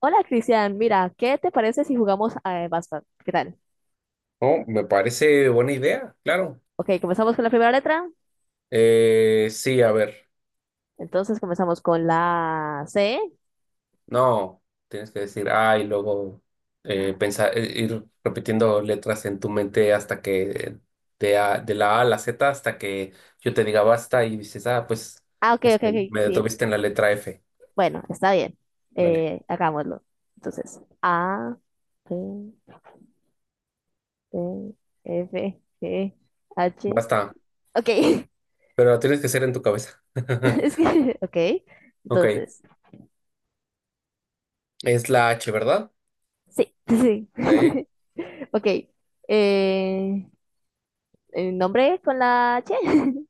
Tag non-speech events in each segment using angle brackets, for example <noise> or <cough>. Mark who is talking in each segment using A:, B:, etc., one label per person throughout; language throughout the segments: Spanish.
A: Hola, Cristian. Mira, ¿qué te parece si jugamos a Basta? ¿Qué tal?
B: Oh, me parece buena idea, claro.
A: Ok, comenzamos con la primera letra.
B: Sí, a ver.
A: Entonces comenzamos con la C.
B: No, tienes que decir, ay, y luego pensar, ir repitiendo letras en tu mente hasta que de la A a la Z hasta que yo te diga basta y dices, ah, pues
A: Ah, ok, ok, ok,
B: me
A: sí.
B: detuviste en la letra F.
A: Bueno, está bien.
B: Vale,
A: Hagámoslo. Entonces, A, B, C, F, G, H.
B: basta.
A: Ok. <laughs>
B: Pero lo tienes que hacer en tu cabeza.
A: Es
B: <laughs>
A: que, ok.
B: Ok,
A: Entonces,
B: es la H, ¿verdad?
A: sí, <laughs> sí.
B: Eh,
A: <laughs> Ok. Eh, ¿El nombre con la H? <laughs>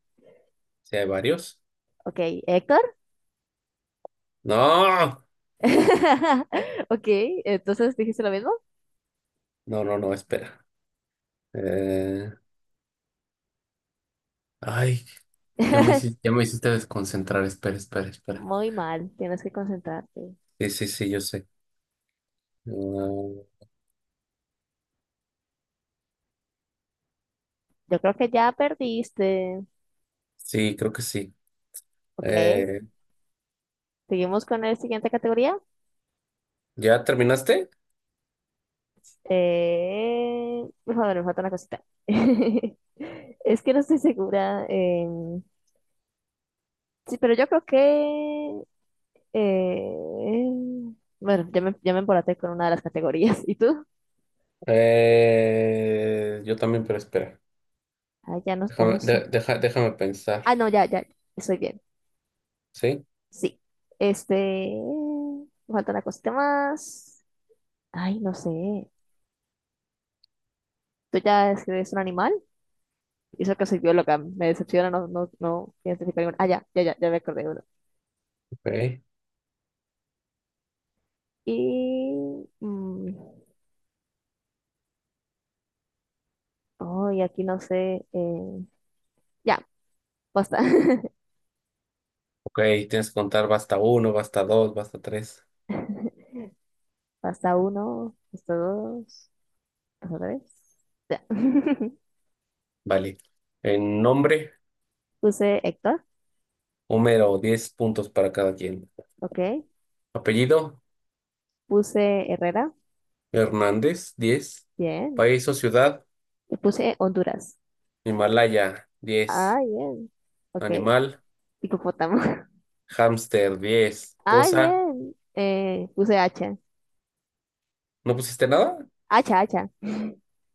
B: sí, hay varios.
A: Ok, Héctor.
B: No,
A: <laughs> Ok, entonces dijiste lo mismo.
B: no, no, no, espera. Eh, Ay. Ya me hiciste,
A: <laughs>
B: ya me hiciste desconcentrar. Espera, espera, espera.
A: Muy mal, tienes que concentrarte.
B: Sí, sí, sí, yo sé. Mm,
A: Yo creo que ya perdiste.
B: sí, creo que sí.
A: Ok,
B: Eh,
A: seguimos con la siguiente categoría.
B: ¿Ya terminaste?
A: Por favor, me falta una cosita. <laughs> Es que no estoy segura. Sí, pero yo creo que... eh, bueno, ya me embolaté con una de las categorías. <laughs> ¿Y tú?
B: Yo también, pero espera.
A: Ah, ya no
B: Déjame,
A: sé.
B: de- deja- déjame pensar.
A: Ah, no, ya, ya, estoy bien.
B: ¿Sí?
A: Sí. Este. Me falta una cosita más. Ay, no sé. ¿Tú ya escribes un animal? Y eso que soy bióloga. Me decepciona, no, no, no identifico ningún. Ah, ya, ya, ya, ya me acordé de uno.
B: Ok.
A: Y, oh, y aquí no sé. Ya, basta.
B: Ok, tienes que contar basta uno, basta dos, basta tres.
A: <laughs> Basta uno, basta dos, basta tres. Ya. <laughs>
B: Vale. En nombre,
A: Puse Héctor,
B: Homero, 10 puntos para cada quien.
A: ok.
B: Apellido,
A: Puse Herrera,
B: Hernández, 10.
A: bien.
B: País o ciudad,
A: Y puse Honduras.
B: Himalaya,
A: Ah,
B: 10.
A: bien. Ok.
B: Animal.
A: Hipopótamo. <laughs>
B: Hamster, 10.
A: Ay,
B: Cosa.
A: bien. Puse hacha.
B: ¿No pusiste nada?
A: Hacha, hacha.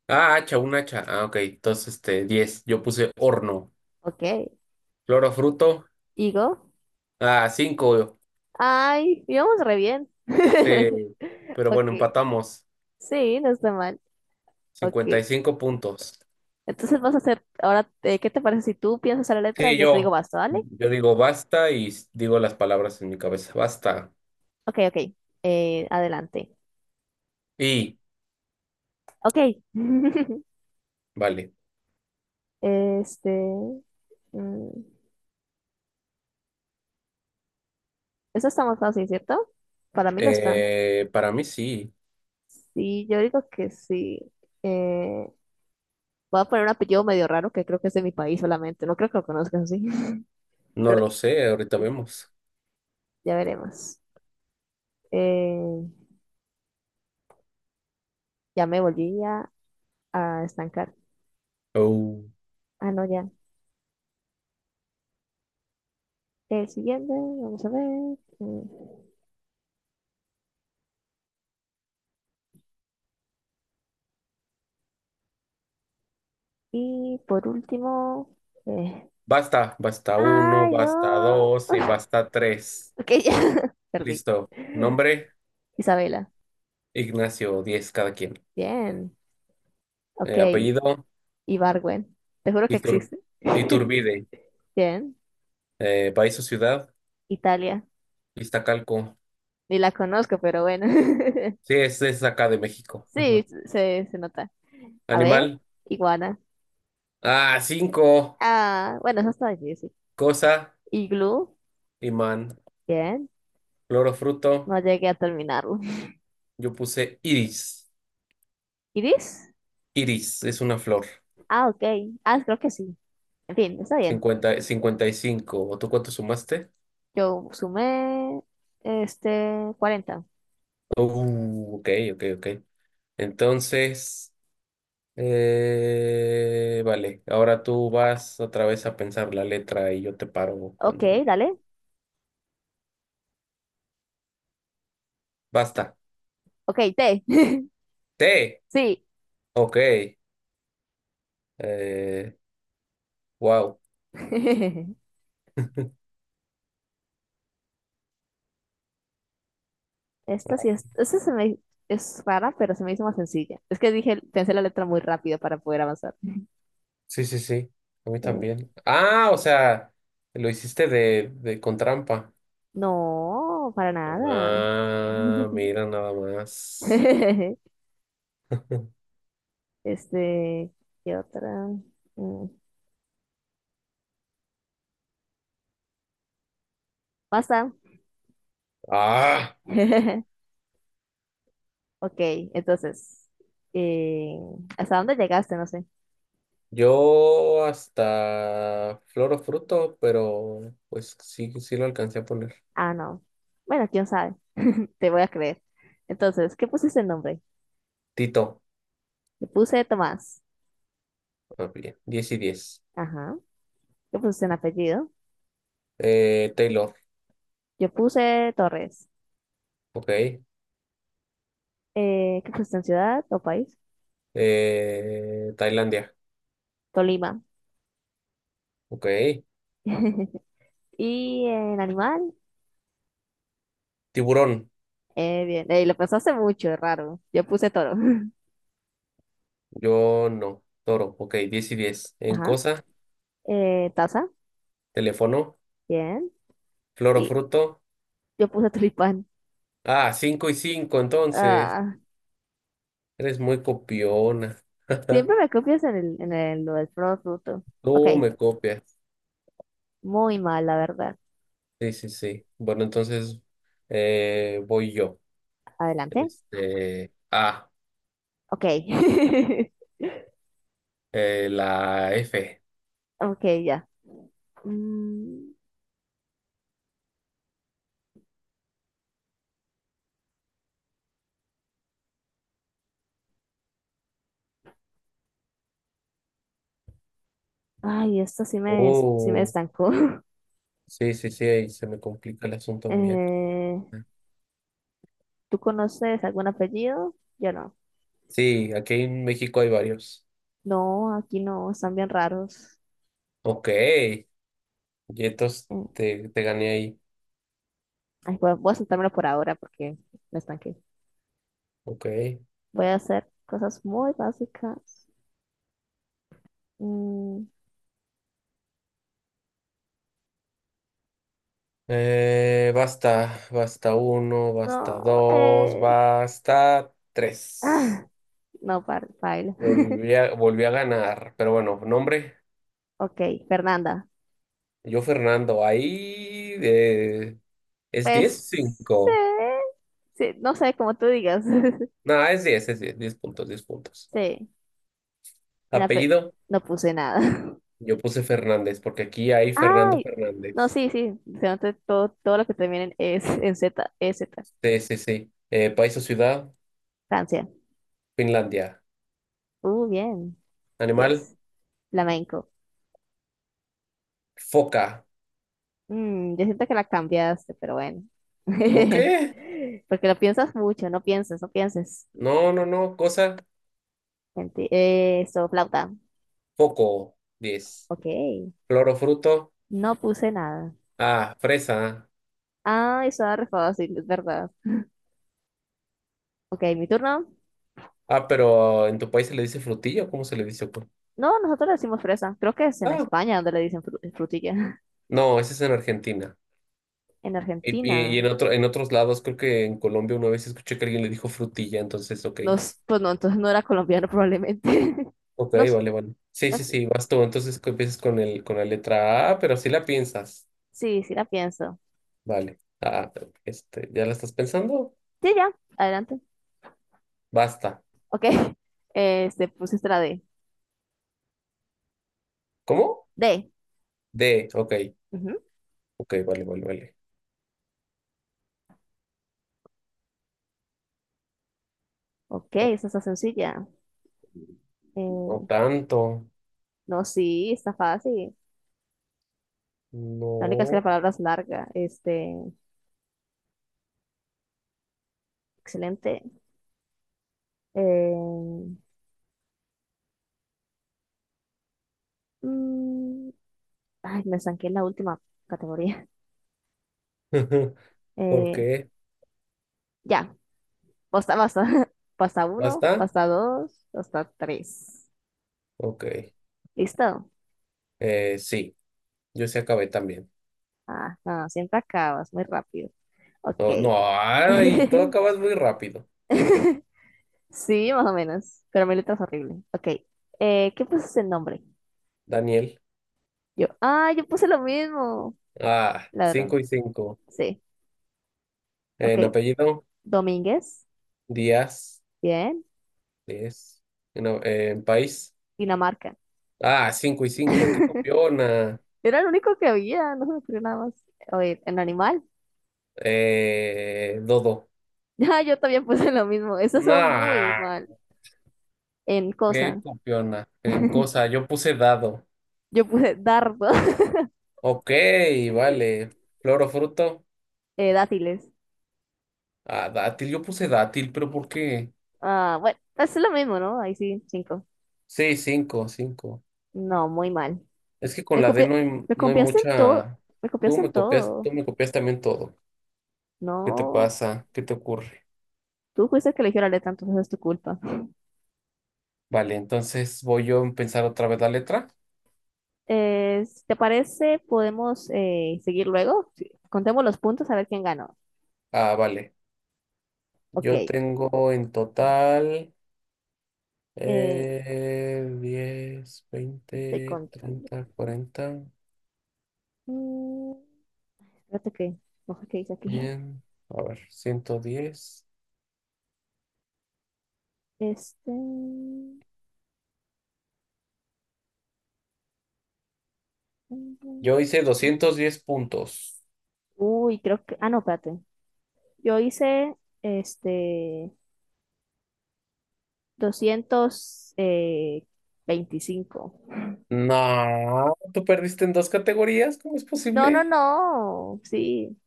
B: Ah, hacha, un hacha. Ah, ok. Entonces, 10. Yo puse horno.
A: Ok.
B: Flor o fruto.
A: Digo.
B: Ah, 5.
A: Ay, íbamos re bien. <laughs>
B: Sí. Pero
A: Ok.
B: bueno, empatamos.
A: Sí, no está mal. Ok.
B: 55 puntos.
A: Entonces vas a hacer, ahora, ¿qué te parece si tú piensas en la letra y
B: Sí,
A: yo te digo
B: yo.
A: basta, ¿vale?
B: Yo digo basta y digo las palabras en mi cabeza. Basta.
A: Ok, ok. Adelante.
B: Y,
A: Ok. <laughs>
B: vale.
A: Este. mm, eso está más fácil, ¿cierto? Para mí lo está.
B: Para mí sí.
A: Sí, yo digo que sí. Eh, voy a poner un apellido medio raro que creo que es de mi país solamente. No creo que lo conozcas así, <laughs>
B: No
A: pero
B: lo sé. Ahorita vemos.
A: ya veremos. Eh, ya me volví a estancar.
B: Oh.
A: Ah, no, ya. El siguiente, vamos a ver. Y por último. eh,
B: Basta. Basta uno,
A: ¡Ay,
B: basta
A: no!
B: dos y basta tres.
A: Ok, <laughs> ya. Perdí.
B: Listo. Nombre.
A: Isabela.
B: Ignacio, 10 cada quien.
A: Bien. Ok.
B: Apellido,
A: Ibargüen. Te juro que
B: Itur-
A: existe. <laughs>
B: Iturbide.
A: Bien.
B: País o ciudad,
A: Italia.
B: Iztacalco.
A: Ni la conozco, pero bueno.
B: Sí,
A: <laughs>
B: es acá de México.
A: Sí,
B: Ajá.
A: se nota. A ver,
B: Animal,
A: iguana.
B: 5.
A: Ah, bueno, eso está difícil.
B: Cosa,
A: Iglú,
B: imán.
A: bien.
B: Flor o fruto,
A: No llegué a terminarlo.
B: yo puse iris.
A: <laughs> ¿Iris?
B: Iris es una flor.
A: Ah, ok. Ah, creo que sí. En fin, está bien.
B: 50, 55. ¿Tú cuánto sumaste?
A: Yo sumé cuarenta.
B: Ok, ok, ok. Entonces, vale, ahora tú vas otra vez a pensar la letra y yo te paro
A: Ok,
B: cuando llegue.
A: dale.
B: Basta.
A: Ok, T. <laughs>
B: T.
A: Sí.
B: Ok. Eh, wow.
A: <laughs>
B: <laughs>
A: Esta sí es. Esta se me Es rara, pero se me hizo más sencilla. Es que dije, pensé la letra muy rápido para poder avanzar.
B: Sí, sí, sí. A mí
A: Eh,
B: también. Ah, o sea, lo hiciste de con trampa.
A: no, para nada.
B: Ah, mira nada más.
A: <laughs> <laughs>
B: <laughs>
A: Este, ¿qué otra? Mm, pasa.
B: Ah,
A: <laughs> Ok, entonces, eh, ¿hasta dónde llegaste? No sé.
B: yo hasta flor o fruto, pero pues sí, sí lo alcancé a poner.
A: Ah, no. Bueno, quién sabe. Te voy a creer. Entonces, ¿qué pusiste en nombre?
B: Tito.
A: Yo puse Tomás.
B: Ah, bien. Diez y 10.
A: Ajá. ¿Qué pusiste en apellido?
B: Taylor.
A: Yo puse Torres.
B: Ok.
A: ¿Qué pusiste en ciudad o país?
B: Tailandia.
A: Tolima.
B: Ok.
A: <laughs> Y en animal,
B: Tiburón.
A: bien. Lo pensaste mucho, es raro. Yo puse toro. <laughs>
B: Yo no. Toro, ok, 10 y 10. En
A: Ajá.
B: cosa,
A: Taza,
B: teléfono,
A: bien.
B: flor o
A: Y
B: fruto.
A: yo puse tulipán.
B: Ah, 5 y 5 entonces.
A: Ah,
B: Eres muy copiona.
A: siempre
B: <laughs>
A: me copias en el, lo del producto. Ok,
B: Tú me copias.
A: muy mal, la verdad.
B: Sí, sí, sí. Bueno, entonces voy yo.
A: Adelante.
B: Este, ah,
A: Ok. <laughs>
B: la F.
A: Ok, ya. Mm, ay, esto sí me
B: Oh,
A: estancó. <laughs>
B: sí, sí, sí, ahí se me complica el asunto a mí aquí.
A: Eh, ¿tú conoces algún apellido? Yo no.
B: Sí, aquí en México hay varios.
A: No, aquí no, están bien raros.
B: Ok, y entonces
A: Eh,
B: te gané ahí.
A: ay, voy a saltármelo por ahora porque me estanqué.
B: Ok.
A: Voy a hacer cosas muy básicas. Mm,
B: Basta, basta uno,
A: no,
B: basta dos,
A: eh,
B: basta tres.
A: ah, no, para. <laughs>
B: Volví a ganar, pero bueno, nombre,
A: Ok, Fernanda.
B: yo Fernando, ahí, es 10 o
A: Pues sí,
B: 5.
A: sí, no sé, como tú digas. <laughs>
B: No, es 10, es 10, 10 puntos, 10 puntos.
A: Sí, en la pe-
B: Apellido,
A: no puse nada.
B: yo puse Fernández, porque aquí hay
A: <laughs>
B: Fernando
A: Ay, no,
B: Fernández.
A: sí, sí, se nota todo, todo lo que termina en es en Z, E. EZ.
B: Sí, sí, sí. País o ciudad,
A: Francia.
B: Finlandia.
A: Bien.
B: Animal,
A: Yes. Flamenco.
B: foca.
A: Yo siento que la cambiaste, pero bueno.
B: ¿Por
A: <laughs>
B: qué?
A: Porque lo piensas mucho, no pienses, no pienses.
B: No, no, no, cosa,
A: Eso, flauta.
B: foco, 10.
A: Ok.
B: Clorofruto.
A: No puse nada.
B: Ah, fresa.
A: Ah, eso era re fácil, es verdad. Ok, mi turno.
B: Ah, pero en tu país se le dice frutillo, ¿cómo se le dice? Pues?
A: No, nosotros le decimos fresa. Creo que es en
B: Ah,
A: España donde le dicen frutilla. <laughs>
B: no, ese es en Argentina.
A: En
B: Y, y, y en
A: Argentina.
B: otro, en otros lados, creo que en Colombia una vez escuché que alguien le dijo frutilla, entonces, ok.
A: No, pues no, entonces no era colombiano probablemente. <laughs>
B: Ok,
A: No,
B: vale, vale. Sí,
A: ah,
B: sí, sí, vas tú. Entonces empiezas con la letra A. Ah, pero sí la piensas.
A: sí, sí la pienso.
B: Vale. Ah, ¿ya la estás pensando?
A: Sí, ya, adelante.
B: Basta.
A: Ok, <laughs> pusiste la D.
B: ¿Cómo?
A: D.
B: D, ok.
A: Ujú.
B: Ok, vale, vale, vale.
A: Ok, esa está sencilla.
B: No
A: Eh,
B: tanto.
A: no, sí, está fácil. La única es que la
B: No.
A: palabra es larga. Excelente. Eh, mm, ay, me estanqué en la última categoría.
B: <laughs> ¿Por
A: Eh,
B: qué?
A: ya. Pasta, pasta, <laughs> pasta uno,
B: ¿Basta?
A: pasta dos, pasta tres.
B: Ok.
A: ¿Listo?
B: Sí, yo sí acabé también.
A: Ah, no, siempre acabas muy rápido. Ok.
B: No, no, ay, tú
A: <laughs>
B: acabas muy rápido.
A: Sí, más o menos. Pero mi letra es horrible. Ok. ¿Qué puse el nombre?
B: Daniel.
A: Yo. Ah, yo puse lo mismo.
B: Ah,
A: Ladrón.
B: 5 y 5.
A: Sí. Ok.
B: En apellido,
A: Domínguez.
B: Díaz.
A: Bien.
B: Díaz. En país.
A: Dinamarca.
B: Ah, 5 y 5. Qué
A: <laughs>
B: copiona.
A: Era el único que había. No se me ocurrió nada más. Oye, en animal.
B: Dodo.
A: <laughs> Ah, yo también puse lo mismo. Eso son muy
B: Nah,
A: mal. En
B: qué
A: cosa.
B: copiona. En
A: <laughs>
B: cosa, yo puse dado.
A: Yo puse dardo. <laughs>
B: Ok, vale. Flor o fruto.
A: Dátiles.
B: Ah, dátil, yo puse dátil, pero ¿por qué?
A: Ah, bueno, pues es lo mismo, ¿no? Ahí sí, cinco.
B: Sí, 5, 5.
A: No, muy mal.
B: Es que con
A: Me
B: la D
A: copia- Me
B: no hay
A: copiaste en todo.
B: mucha.
A: Me
B: Tú
A: copiaste en
B: me copias, tú
A: todo.
B: me copias también todo. ¿Qué te
A: No,
B: pasa? ¿Qué te ocurre?
A: tú fuiste el que eligió la letra, entonces es tu culpa.
B: Vale, entonces voy yo a pensar otra vez la letra.
A: Si ¿te parece? ¿Podemos seguir luego? Sí. Contemos los puntos a ver quién ganó.
B: Ah, vale.
A: Ok,
B: Yo tengo en total
A: eh,
B: 10,
A: estoy
B: 20,
A: contando.
B: 30, 40,
A: Mm, espérate que, no sé qué dice aquí.
B: 100. A ver, 110.
A: Este... mm, mm,
B: Yo hice
A: no.
B: 210 puntos.
A: Uy, creo que... Ah, no, espérate. Yo hice este doscientos veinticinco.
B: No, tú perdiste en dos categorías. ¿Cómo es
A: No, no,
B: posible?
A: no. Sí.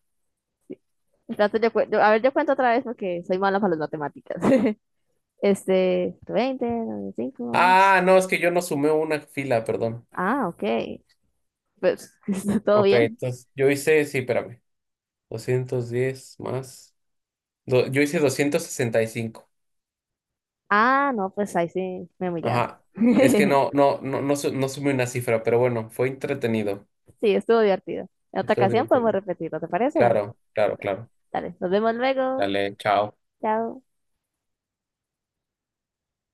A: Entonces yo, a ver, yo cuento otra vez porque soy mala para las matemáticas. <laughs> 20, 95.
B: Ah, no, es que yo no sumé una fila, perdón.
A: Ah, ok. Pues, <laughs> ¿está todo
B: Ok,
A: bien?
B: entonces yo hice, sí, espérame, 210 más. Yo hice 265.
A: Ah, no, pues ahí sí me humillaste.
B: Ajá. Es que
A: <laughs>
B: no, no, no, no, no sumé una cifra, pero bueno, fue entretenido.
A: Sí, estuvo divertido. En otra
B: Estuvo
A: ocasión podemos
B: divertido.
A: repetirlo, ¿te parece?
B: Claro, claro, claro.
A: Dale, nos vemos luego.
B: Dale, chao.
A: Chao.